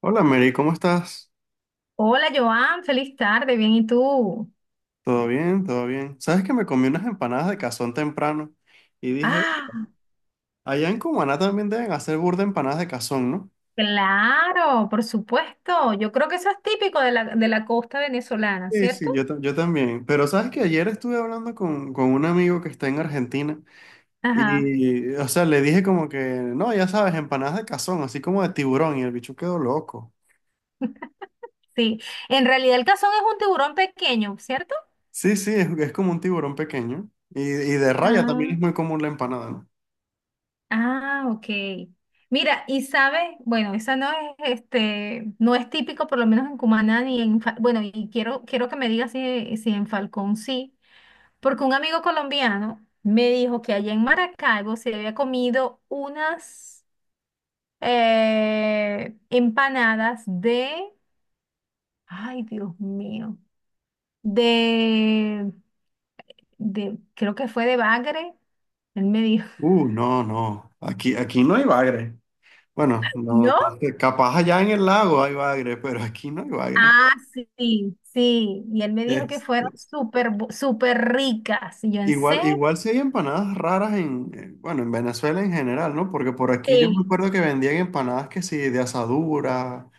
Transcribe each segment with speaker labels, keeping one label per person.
Speaker 1: Hola Mary, ¿cómo estás?
Speaker 2: Hola Joan, feliz tarde, bien, ¿y tú?
Speaker 1: ¿Todo bien? ¿Todo bien? Sabes que me comí unas empanadas de cazón temprano y dije,
Speaker 2: Ah,
Speaker 1: allá en Cumaná también deben hacer burda empanadas de cazón, ¿no?
Speaker 2: claro, por supuesto. Yo creo que eso es típico de la costa venezolana,
Speaker 1: Sí, sí,
Speaker 2: ¿cierto?
Speaker 1: yo también. Pero sabes que ayer estuve hablando con un amigo que está en Argentina
Speaker 2: Ajá,
Speaker 1: y, o sea, le dije como que, no, ya sabes, empanadas de cazón, así como de tiburón y el bicho quedó loco.
Speaker 2: sí. En realidad el cazón es un tiburón pequeño, ¿cierto?
Speaker 1: Sí, sí, es como un tiburón pequeño y de raya también es
Speaker 2: Ah.
Speaker 1: muy común la empanada, ¿no?
Speaker 2: Ah, ok. Mira, y sabes, bueno, esa no es, no es típico, por lo menos en Cumaná ni en, bueno, y quiero que me digas si en Falcón sí, porque un amigo colombiano me dijo que allá en Maracaibo se había comido unas empanadas de, ay, Dios mío, de, creo que fue de bagre, él me dijo.
Speaker 1: No, no, aquí no hay bagre. Bueno, no,
Speaker 2: ¿No?
Speaker 1: no sé, capaz allá en el lago hay bagre, pero aquí no hay bagre.
Speaker 2: Ah, sí, sí. Y él me dijo que
Speaker 1: Es,
Speaker 2: fueron súper ricas. Y yo, ¿en
Speaker 1: Igual,
Speaker 2: serio?
Speaker 1: igual sí hay empanadas raras bueno, en Venezuela en general, ¿no? Porque por aquí yo me
Speaker 2: Sí.
Speaker 1: acuerdo que vendían empanadas que sí, de asadura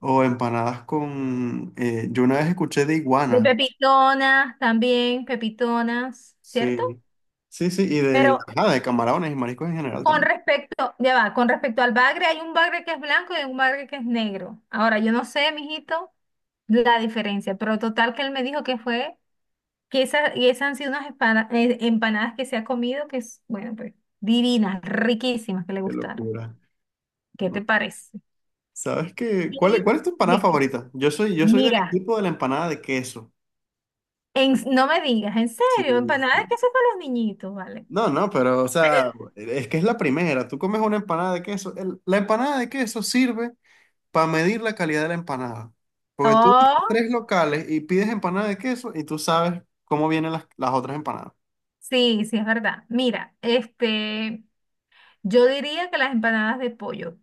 Speaker 1: o empanadas con, yo una vez escuché de
Speaker 2: De
Speaker 1: iguana,
Speaker 2: pepitonas también, pepitonas, ¿cierto?
Speaker 1: sí, sí, sí, y
Speaker 2: Pero
Speaker 1: de, ajá, de camarones y mariscos en general también.
Speaker 2: ya va, con respecto al bagre, hay un bagre que es blanco y hay un bagre que es negro. Ahora, yo no sé, mijito, la diferencia, pero total que él me dijo que fue, que esa, y esas han sido unas empanadas que se ha comido, que es, bueno, pues, divinas, riquísimas, que le
Speaker 1: Qué
Speaker 2: gustaron.
Speaker 1: locura,
Speaker 2: ¿Qué te
Speaker 1: ¿no?
Speaker 2: parece?
Speaker 1: ¿Sabes qué? ¿ Cuál es tu empanada
Speaker 2: Sí.
Speaker 1: favorita? Yo soy del
Speaker 2: Mira,
Speaker 1: equipo de la empanada de queso.
Speaker 2: no me digas, en
Speaker 1: Sí,
Speaker 2: serio, empanadas que hacen para los niñitos, ¿vale?
Speaker 1: no, no, pero, o sea, es que es la primera. Tú comes una empanada de queso. La empanada de queso sirve para medir la calidad de la empanada. Porque tú vas a
Speaker 2: Oh,
Speaker 1: tres locales y pides empanada de queso y tú sabes cómo vienen las otras empanadas.
Speaker 2: sí, sí, es verdad. Mira, este, yo diría que las empanadas de pollo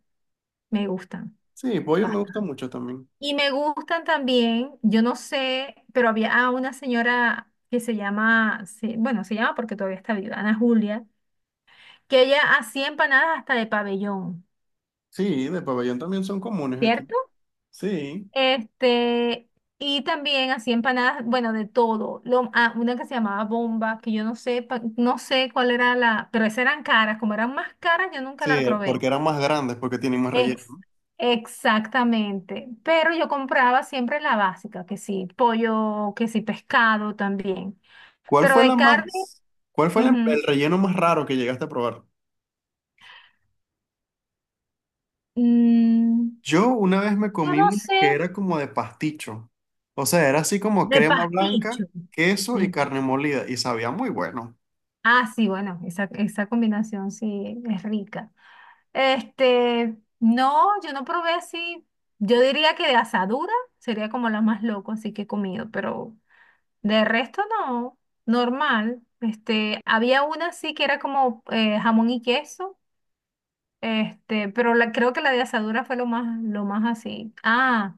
Speaker 2: me gustan
Speaker 1: Sí, pollo me gusta
Speaker 2: bastante.
Speaker 1: mucho también.
Speaker 2: Y me gustan también, yo no sé, pero había una señora que se llama, se- bueno, se llama porque todavía está viva, Ana Julia, que ella hacía empanadas hasta de pabellón,
Speaker 1: Sí, de pabellón también son comunes aquí.
Speaker 2: ¿cierto?
Speaker 1: Sí,
Speaker 2: Este, y también hacía empanadas, bueno, de todo. Una que se llamaba bomba, que yo no sé, no sé cuál era la, pero esas eran caras, como eran más caras, yo nunca la
Speaker 1: sí,
Speaker 2: probé.
Speaker 1: porque eran más grandes, porque tienen más
Speaker 2: Ex-
Speaker 1: relleno.
Speaker 2: exactamente. Pero yo compraba siempre la básica, que sí, pollo, que sí, pescado también.
Speaker 1: ¿Cuál
Speaker 2: Pero
Speaker 1: fue la
Speaker 2: de carne,
Speaker 1: más, Cuál fue
Speaker 2: ujú,
Speaker 1: el relleno más raro que llegaste a probar?
Speaker 2: mm,
Speaker 1: Yo una vez me
Speaker 2: yo
Speaker 1: comí
Speaker 2: no
Speaker 1: una
Speaker 2: sé,
Speaker 1: que era como de pasticho. O sea, era así como
Speaker 2: de
Speaker 1: crema blanca,
Speaker 2: pasticho.
Speaker 1: queso y
Speaker 2: Mm.
Speaker 1: carne molida y sabía muy bueno.
Speaker 2: Ah, sí, bueno, esa combinación sí es rica. Este, no, yo no probé así. Yo diría que de asadura sería como la más loco, así que he comido, pero de resto no, normal. Este, había una así que era como jamón y queso, este, pero creo que la de asadura fue lo más así. Ah,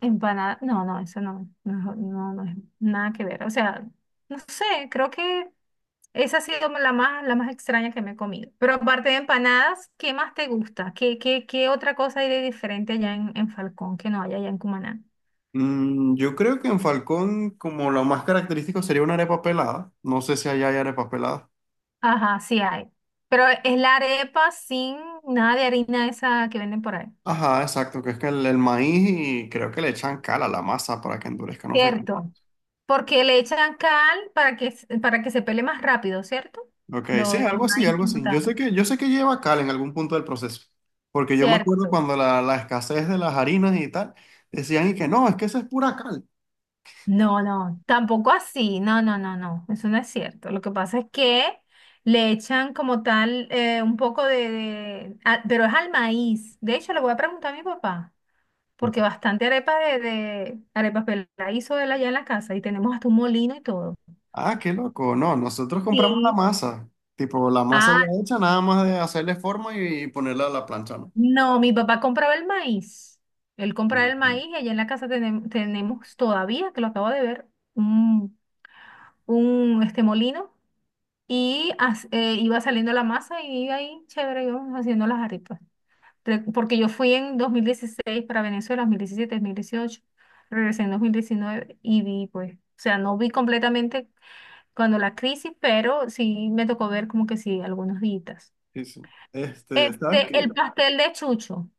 Speaker 2: empanada, no, no, eso no, no, no, no es nada que ver. O sea, no sé, creo que esa ha sido la más extraña que me he comido. Pero aparte de empanadas, ¿qué más te gusta? ¿Qué otra cosa hay de diferente allá en Falcón que no hay allá en Cumaná?
Speaker 1: Yo creo que en Falcón como lo más característico sería una arepa pelada. No sé si allá hay arepa pelada.
Speaker 2: Ajá, sí hay. Pero es la arepa sin nada de harina esa que venden por ahí.
Speaker 1: Ajá, exacto, que es que el maíz y creo que le echan cal a la masa para que endurezca, no sé cómo.
Speaker 2: Cierto. Porque le echan cal para que se pele más rápido, ¿cierto?
Speaker 1: Ok, sí,
Speaker 2: El
Speaker 1: algo así,
Speaker 2: maíz
Speaker 1: algo
Speaker 2: como
Speaker 1: así.
Speaker 2: tal.
Speaker 1: Yo sé que lleva cal en algún punto del proceso, porque yo me acuerdo
Speaker 2: Cierto.
Speaker 1: cuando la escasez de las harinas y tal, decían y que no, es que esa es pura cal.
Speaker 2: No, no, tampoco así, no, no, no, no, eso no es cierto. Lo que pasa es que le echan como tal un poco de, pero es al maíz. De hecho, le voy a preguntar a mi papá, porque bastante arepa de arepas la hizo él allá en la casa y tenemos hasta un molino y todo.
Speaker 1: Ah, qué loco. No, nosotros compramos la
Speaker 2: Sí.
Speaker 1: masa. Tipo, la masa ya
Speaker 2: Ah,
Speaker 1: hecha, nada más de hacerle forma y ponerla a la plancha, ¿no?
Speaker 2: no, mi papá compraba el maíz. Él compraba el
Speaker 1: Ujú.
Speaker 2: maíz y allá en la casa tenemos todavía, que lo acabo de ver, un, un este molino. Y iba saliendo la masa y ahí, chévere, íbamos haciendo las arepas. Porque yo fui en 2016 para Venezuela, 2017 2018 regresé en 2019 y vi, pues, o sea, no vi completamente cuando la crisis, pero sí me tocó ver como que sí, algunos días.
Speaker 1: Sí, sí. Este, ¿sabes
Speaker 2: Este, el
Speaker 1: qué?
Speaker 2: pastel de chucho.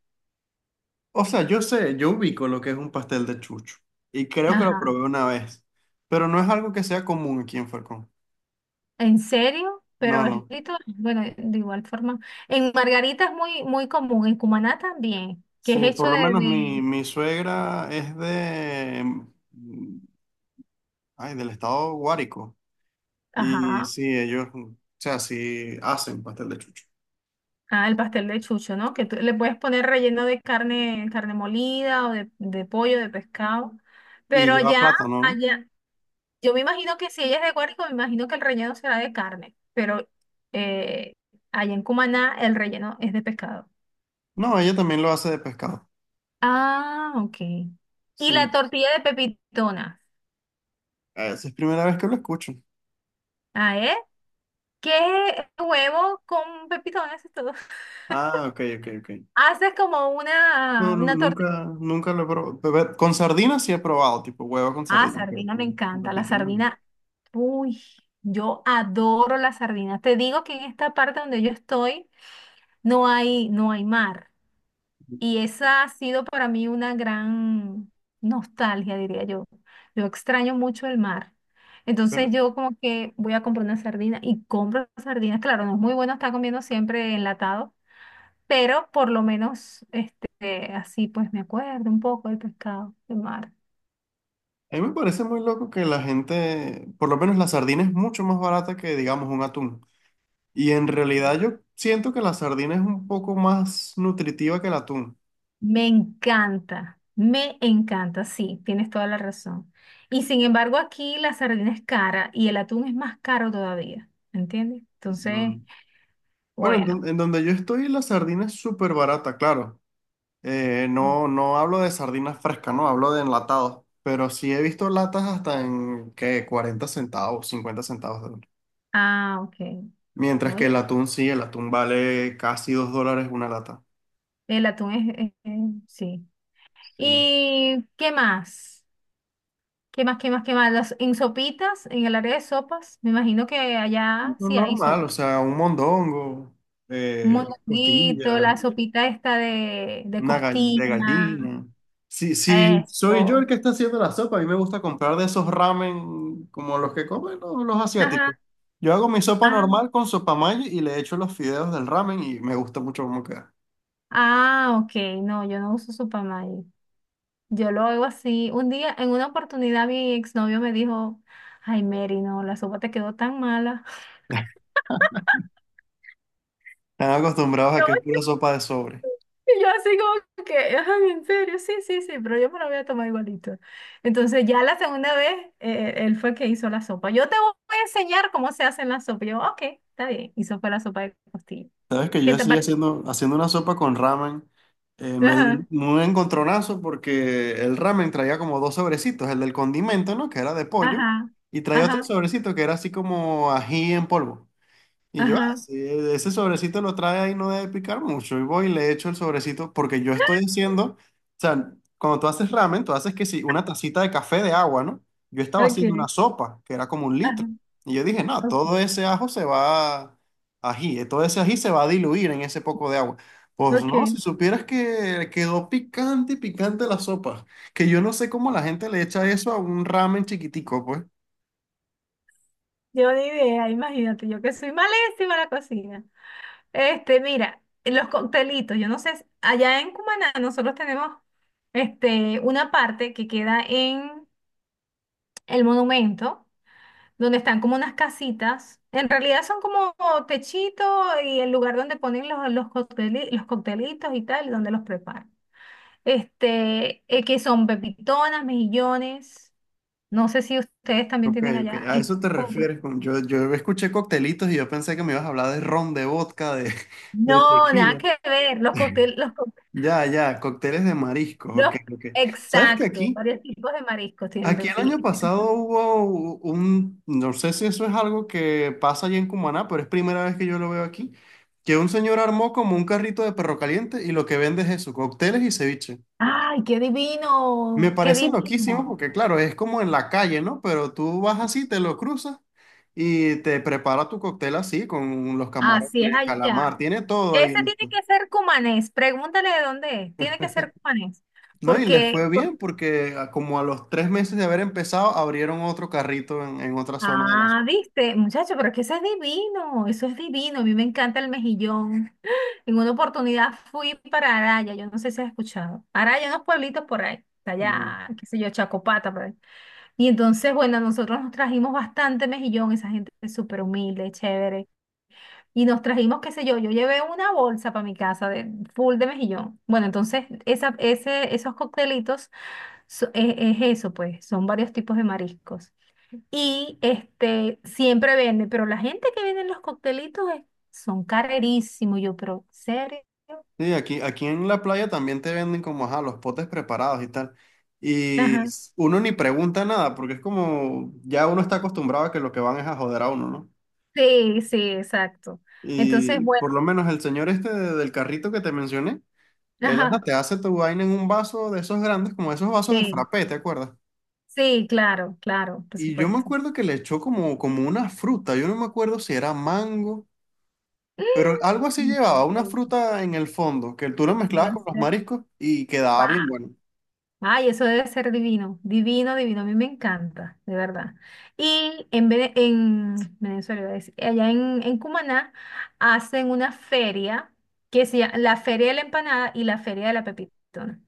Speaker 1: O sea, yo sé, yo ubico lo que es un pastel de chucho. Y creo que lo
Speaker 2: Ajá.
Speaker 1: probé una vez. Pero no es algo que sea común aquí en Falcón.
Speaker 2: ¿En serio?
Speaker 1: No,
Speaker 2: Pero es
Speaker 1: no.
Speaker 2: lindo, bueno, de igual forma. En Margarita es muy, muy común, en Cumaná también, que es
Speaker 1: Sí,
Speaker 2: hecho
Speaker 1: por lo
Speaker 2: de,
Speaker 1: menos mi suegra es de... mm, ay, del estado Guárico. Y
Speaker 2: ajá.
Speaker 1: sí, ellos, o sea, sí hacen pastel de chucho.
Speaker 2: Ah, el pastel de chucho, ¿no? Que tú le puedes poner relleno de carne, carne molida o de, pollo, de pescado.
Speaker 1: Y
Speaker 2: Pero
Speaker 1: lleva
Speaker 2: allá,
Speaker 1: plátano, ¿no?
Speaker 2: allá, yo me imagino que si ella es de Guárico, me imagino que el relleno será de carne. Pero eh, allá en Cumaná el relleno es de pescado.
Speaker 1: No, ella también lo hace de pescado.
Speaker 2: Ah, ok. Y la
Speaker 1: Sí.
Speaker 2: tortilla de pepitonas.
Speaker 1: Ah, esa es primera vez que lo escucho.
Speaker 2: Ah, ¿eh? ¿Qué huevo con pepitonas y todo?
Speaker 1: Ah, ok, ok, ok.
Speaker 2: Haces como
Speaker 1: No,
Speaker 2: una, una tortilla.
Speaker 1: nunca, nunca lo he probado. Con sardinas sí he probado, tipo huevo con
Speaker 2: Ah,
Speaker 1: sardinas, pero
Speaker 2: sardina me
Speaker 1: con
Speaker 2: encanta. La
Speaker 1: pepita no.
Speaker 2: sardina, uy, yo adoro la sardina. Te digo que en esta parte donde yo estoy no hay mar. Y esa ha sido para mí una gran nostalgia, diría yo. Yo extraño mucho el mar. Entonces
Speaker 1: Pero
Speaker 2: yo como que voy a comprar una sardina y compro sardinas. Claro, no es muy bueno estar comiendo siempre enlatado, pero por lo menos este, así pues me acuerdo un poco del pescado, del mar.
Speaker 1: a mí me parece muy loco que la gente, por lo menos la sardina es mucho más barata que, digamos, un atún. Y en realidad yo siento que la sardina es un poco más nutritiva que el atún.
Speaker 2: Me encanta, sí, tienes toda la razón. Y sin embargo, aquí la sardina es cara y el atún es más caro todavía, ¿me entiendes? Entonces,
Speaker 1: Mm. Bueno,
Speaker 2: bueno.
Speaker 1: en donde yo estoy la sardina es súper barata, claro. No, no hablo de sardinas frescas, no, hablo de enlatados. Pero sí he visto latas hasta en que 40 centavos, 50 centavos de dólar.
Speaker 2: Ah, ok.
Speaker 1: Mientras que
Speaker 2: Oye,
Speaker 1: el atún sí, el atún vale casi 2 dólares una lata.
Speaker 2: el atún es. Sí.
Speaker 1: Sí.
Speaker 2: ¿Y qué más? ¿Qué más, qué más, qué más? En sopitas, en el área de sopas, me imagino que allá
Speaker 1: Lo
Speaker 2: sí hay
Speaker 1: normal, o
Speaker 2: sopa.
Speaker 1: sea, un mondongo,
Speaker 2: Un
Speaker 1: una
Speaker 2: moñonguito,
Speaker 1: costilla.
Speaker 2: la sopita esta de
Speaker 1: De
Speaker 2: costilla,
Speaker 1: gallina. Si, si soy yo
Speaker 2: esto.
Speaker 1: el que está haciendo la sopa, a mí me gusta comprar de esos ramen como los que comen los asiáticos.
Speaker 2: Ajá.
Speaker 1: Yo hago mi sopa
Speaker 2: Ah,
Speaker 1: normal con sopa mayo y le echo los fideos del ramen y me gusta mucho cómo queda.
Speaker 2: ah, ok, no, yo no uso Supamay. Yo lo oigo así. Un día, en una oportunidad, mi exnovio me dijo, ay, Mary, no, la sopa te quedó tan mala.
Speaker 1: Están acostumbrados a
Speaker 2: Yo-
Speaker 1: que es pura sopa de sobre.
Speaker 2: Y yo así como que, ay, en serio, sí, sí, sí, pero yo me la voy a tomar igualito. Entonces ya la segunda vez, él fue que hizo la sopa. Yo te voy a enseñar cómo se hace la sopa. Y yo, ok, está bien. Hizo fue la sopa de costilla.
Speaker 1: Sabes que yo
Speaker 2: ¿Qué te
Speaker 1: estoy
Speaker 2: parece?
Speaker 1: haciendo una sopa con ramen. Eh, me di
Speaker 2: Ajá,
Speaker 1: un encontronazo porque el ramen traía como dos sobrecitos, el del condimento, ¿no? Que era de pollo,
Speaker 2: ajá,
Speaker 1: y traía otro
Speaker 2: ajá,
Speaker 1: sobrecito que era así como ají en polvo. Y yo, ah,
Speaker 2: ajá,
Speaker 1: sí, ese sobrecito lo trae ahí, no debe picar mucho. Y voy y le echo el sobrecito porque yo estoy haciendo, o sea, cuando tú haces ramen, tú haces que sí, una tacita de café de agua, ¿no? Yo estaba haciendo una
Speaker 2: ok,
Speaker 1: sopa que era como un litro.
Speaker 2: ajá,
Speaker 1: Y yo dije, no,
Speaker 2: ok,
Speaker 1: todo ese ajo se va, ají, todo ese ají se va a diluir en ese poco de agua. Pues
Speaker 2: ok.
Speaker 1: no, si supieras que quedó picante y picante la sopa, que yo no sé cómo la gente le echa eso a un ramen chiquitico, pues.
Speaker 2: Yo ni idea, imagínate, yo que soy malísima en la cocina. Este, mira, los coctelitos, yo no sé, allá en Cumaná nosotros tenemos este, una parte que queda en el monumento, donde están como unas casitas. En realidad son como techito y el lugar donde ponen los coctelitos y tal, donde los preparan. Este, que son pepitonas, mejillones. No sé si ustedes también
Speaker 1: Ok,
Speaker 2: tienen
Speaker 1: ok.
Speaker 2: allá.
Speaker 1: A
Speaker 2: eh,
Speaker 1: eso te
Speaker 2: como pre-
Speaker 1: refieres con... yo escuché coctelitos y yo pensé que me ibas a hablar de ron, de vodka, de, de
Speaker 2: no, nada
Speaker 1: tequila.
Speaker 2: que ver. Los cócteles,
Speaker 1: Ya, ya, cócteles de mariscos,
Speaker 2: Los-
Speaker 1: ok, ok. ¿Sabes que
Speaker 2: exacto,
Speaker 1: aquí,
Speaker 2: varios tipos de mariscos tienen
Speaker 1: aquí el año pasado hubo un, no sé si eso es algo que pasa allá en Cumaná, pero es primera vez que yo lo veo aquí, que un señor armó como un carrito de perro caliente y lo que vende es eso, cócteles y ceviche.
Speaker 2: ¡Ay, qué
Speaker 1: Me
Speaker 2: divino! ¡Qué
Speaker 1: parece loquísimo
Speaker 2: divino!
Speaker 1: porque, claro, es como en la calle, ¿no? Pero tú vas así, te lo cruzas y te prepara tu cóctel así, con los
Speaker 2: Así es
Speaker 1: camarones, calamar,
Speaker 2: allá.
Speaker 1: tiene todo
Speaker 2: Ese
Speaker 1: ahí
Speaker 2: tiene
Speaker 1: listo.
Speaker 2: que ser cumanés. Pregúntale de dónde es. Tiene que ser cumanés.
Speaker 1: ¿No? Y les
Speaker 2: Porque,
Speaker 1: fue
Speaker 2: por-
Speaker 1: bien porque como a los tres meses de haber empezado, abrieron otro carrito en otra zona de la
Speaker 2: ah,
Speaker 1: ciudad.
Speaker 2: viste, muchacho, pero es que eso es divino. Eso es divino. A mí me encanta el mejillón. En una oportunidad fui para Araya. Yo no sé si has escuchado. Araya, unos pueblitos por ahí.
Speaker 1: Mm.
Speaker 2: Allá, qué sé yo, Chacopata, por ahí. Y entonces, bueno, nosotros nos trajimos bastante mejillón, esa gente es súper humilde, chévere. Y nos trajimos, qué sé yo, yo llevé una bolsa para mi casa de full de mejillón. Bueno, entonces esa, ese, esos coctelitos es eso, pues, son varios tipos de mariscos. Y este siempre vende, pero la gente que vende los coctelitos son carerísimos. Yo, pero, ¿serio?
Speaker 1: Sí, aquí, aquí en la playa también te venden como, ajá, los potes preparados y tal. Y
Speaker 2: Ajá.
Speaker 1: uno ni pregunta nada porque es como, ya uno está acostumbrado a que lo que van es a joder a uno, ¿no?
Speaker 2: Sí, sí, exacto. Entonces,
Speaker 1: Y
Speaker 2: bueno,
Speaker 1: por lo menos el señor este del carrito que te mencioné, él hasta
Speaker 2: ajá,
Speaker 1: te hace tu vaina en un vaso de esos grandes, como esos vasos de
Speaker 2: sí,
Speaker 1: frappé, ¿te acuerdas?
Speaker 2: sí, claro, claro, por
Speaker 1: Y yo me
Speaker 2: supuesto.
Speaker 1: acuerdo que le echó como, como una fruta, yo no me acuerdo si era mango, pero algo así llevaba, una
Speaker 2: Entonces,
Speaker 1: fruta en el fondo, que tú lo mezclabas
Speaker 2: debe
Speaker 1: con los
Speaker 2: ser,
Speaker 1: mariscos y quedaba bien
Speaker 2: ¡guau!
Speaker 1: bueno.
Speaker 2: Ay, eso debe ser divino, divino, divino. A mí me encanta, de verdad. Y en Venezuela, iba a decir, allá en, Cumaná, hacen una feria que se llama la Feria de la Empanada y la Feria de la Pepitona.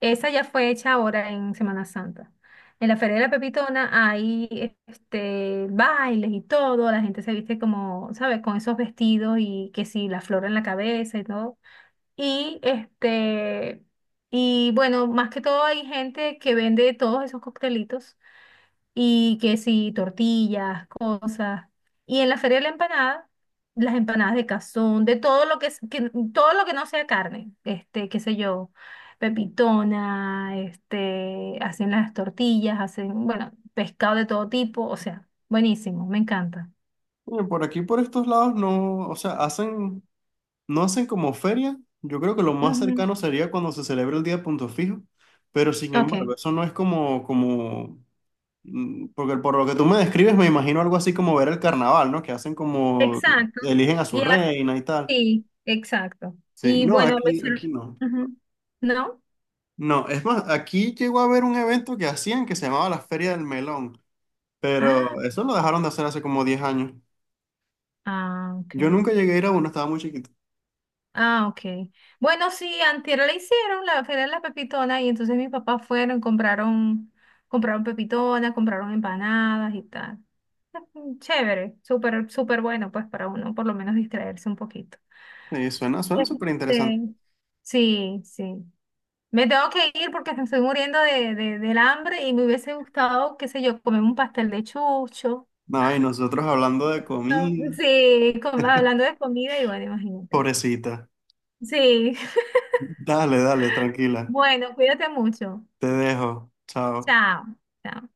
Speaker 2: Esa ya fue hecha ahora en Semana Santa. En la Feria de la Pepitona hay este, bailes y todo, la gente se viste como, ¿sabes? Con esos vestidos y que si la flor en la cabeza y todo. Y este, y bueno, más que todo hay gente que vende todos esos coctelitos y que sí, tortillas, cosas. Y en la feria de la empanada, las empanadas de cazón, de todo lo que, todo lo que no sea carne, este, qué sé yo, pepitona, este, hacen las tortillas, hacen, bueno, pescado de todo tipo, o sea, buenísimo, me encanta.
Speaker 1: Oye, por aquí, por estos lados, no, o sea, hacen, no hacen como feria, yo creo que lo más
Speaker 2: Ujú,
Speaker 1: cercano sería cuando se celebra el Día de Punto Fijo, pero sin
Speaker 2: ok,
Speaker 1: embargo, eso no es como, como mm, porque por lo que tú me describes, me imagino algo así como ver el carnaval, ¿no? Que hacen como,
Speaker 2: exacto.
Speaker 1: eligen a su reina y tal.
Speaker 2: Sí, exacto.
Speaker 1: Sí,
Speaker 2: Y
Speaker 1: no,
Speaker 2: bueno,
Speaker 1: aquí, aquí no.
Speaker 2: ujú. ¿No?
Speaker 1: No, es más, aquí llegó a haber un evento que hacían que se llamaba la Feria del Melón,
Speaker 2: Ah,
Speaker 1: pero eso lo dejaron de hacer hace como 10 años.
Speaker 2: ah, ok.
Speaker 1: Yo nunca llegué a ir a uno, estaba muy chiquito.
Speaker 2: Ah, ok. Bueno, sí, antier la hicieron, la feria de la pepitona, y entonces mis papás fueron, compraron, pepitona, compraron empanadas y tal. Chévere, súper, súper bueno, pues para uno por lo menos distraerse un poquito.
Speaker 1: Sí, suena, suena súper interesante.
Speaker 2: Este, sí, sí. Me tengo que ir porque me estoy muriendo de, del hambre y me hubiese gustado, qué sé yo, comer un pastel de chucho.
Speaker 1: No, y nosotros hablando de comida,
Speaker 2: Sí, hablando de comida y bueno, imagínate.
Speaker 1: pobrecita.
Speaker 2: Sí,
Speaker 1: Dale, dale, tranquila.
Speaker 2: bueno, cuídate mucho.
Speaker 1: Te dejo. Chao.
Speaker 2: Chao. Chao.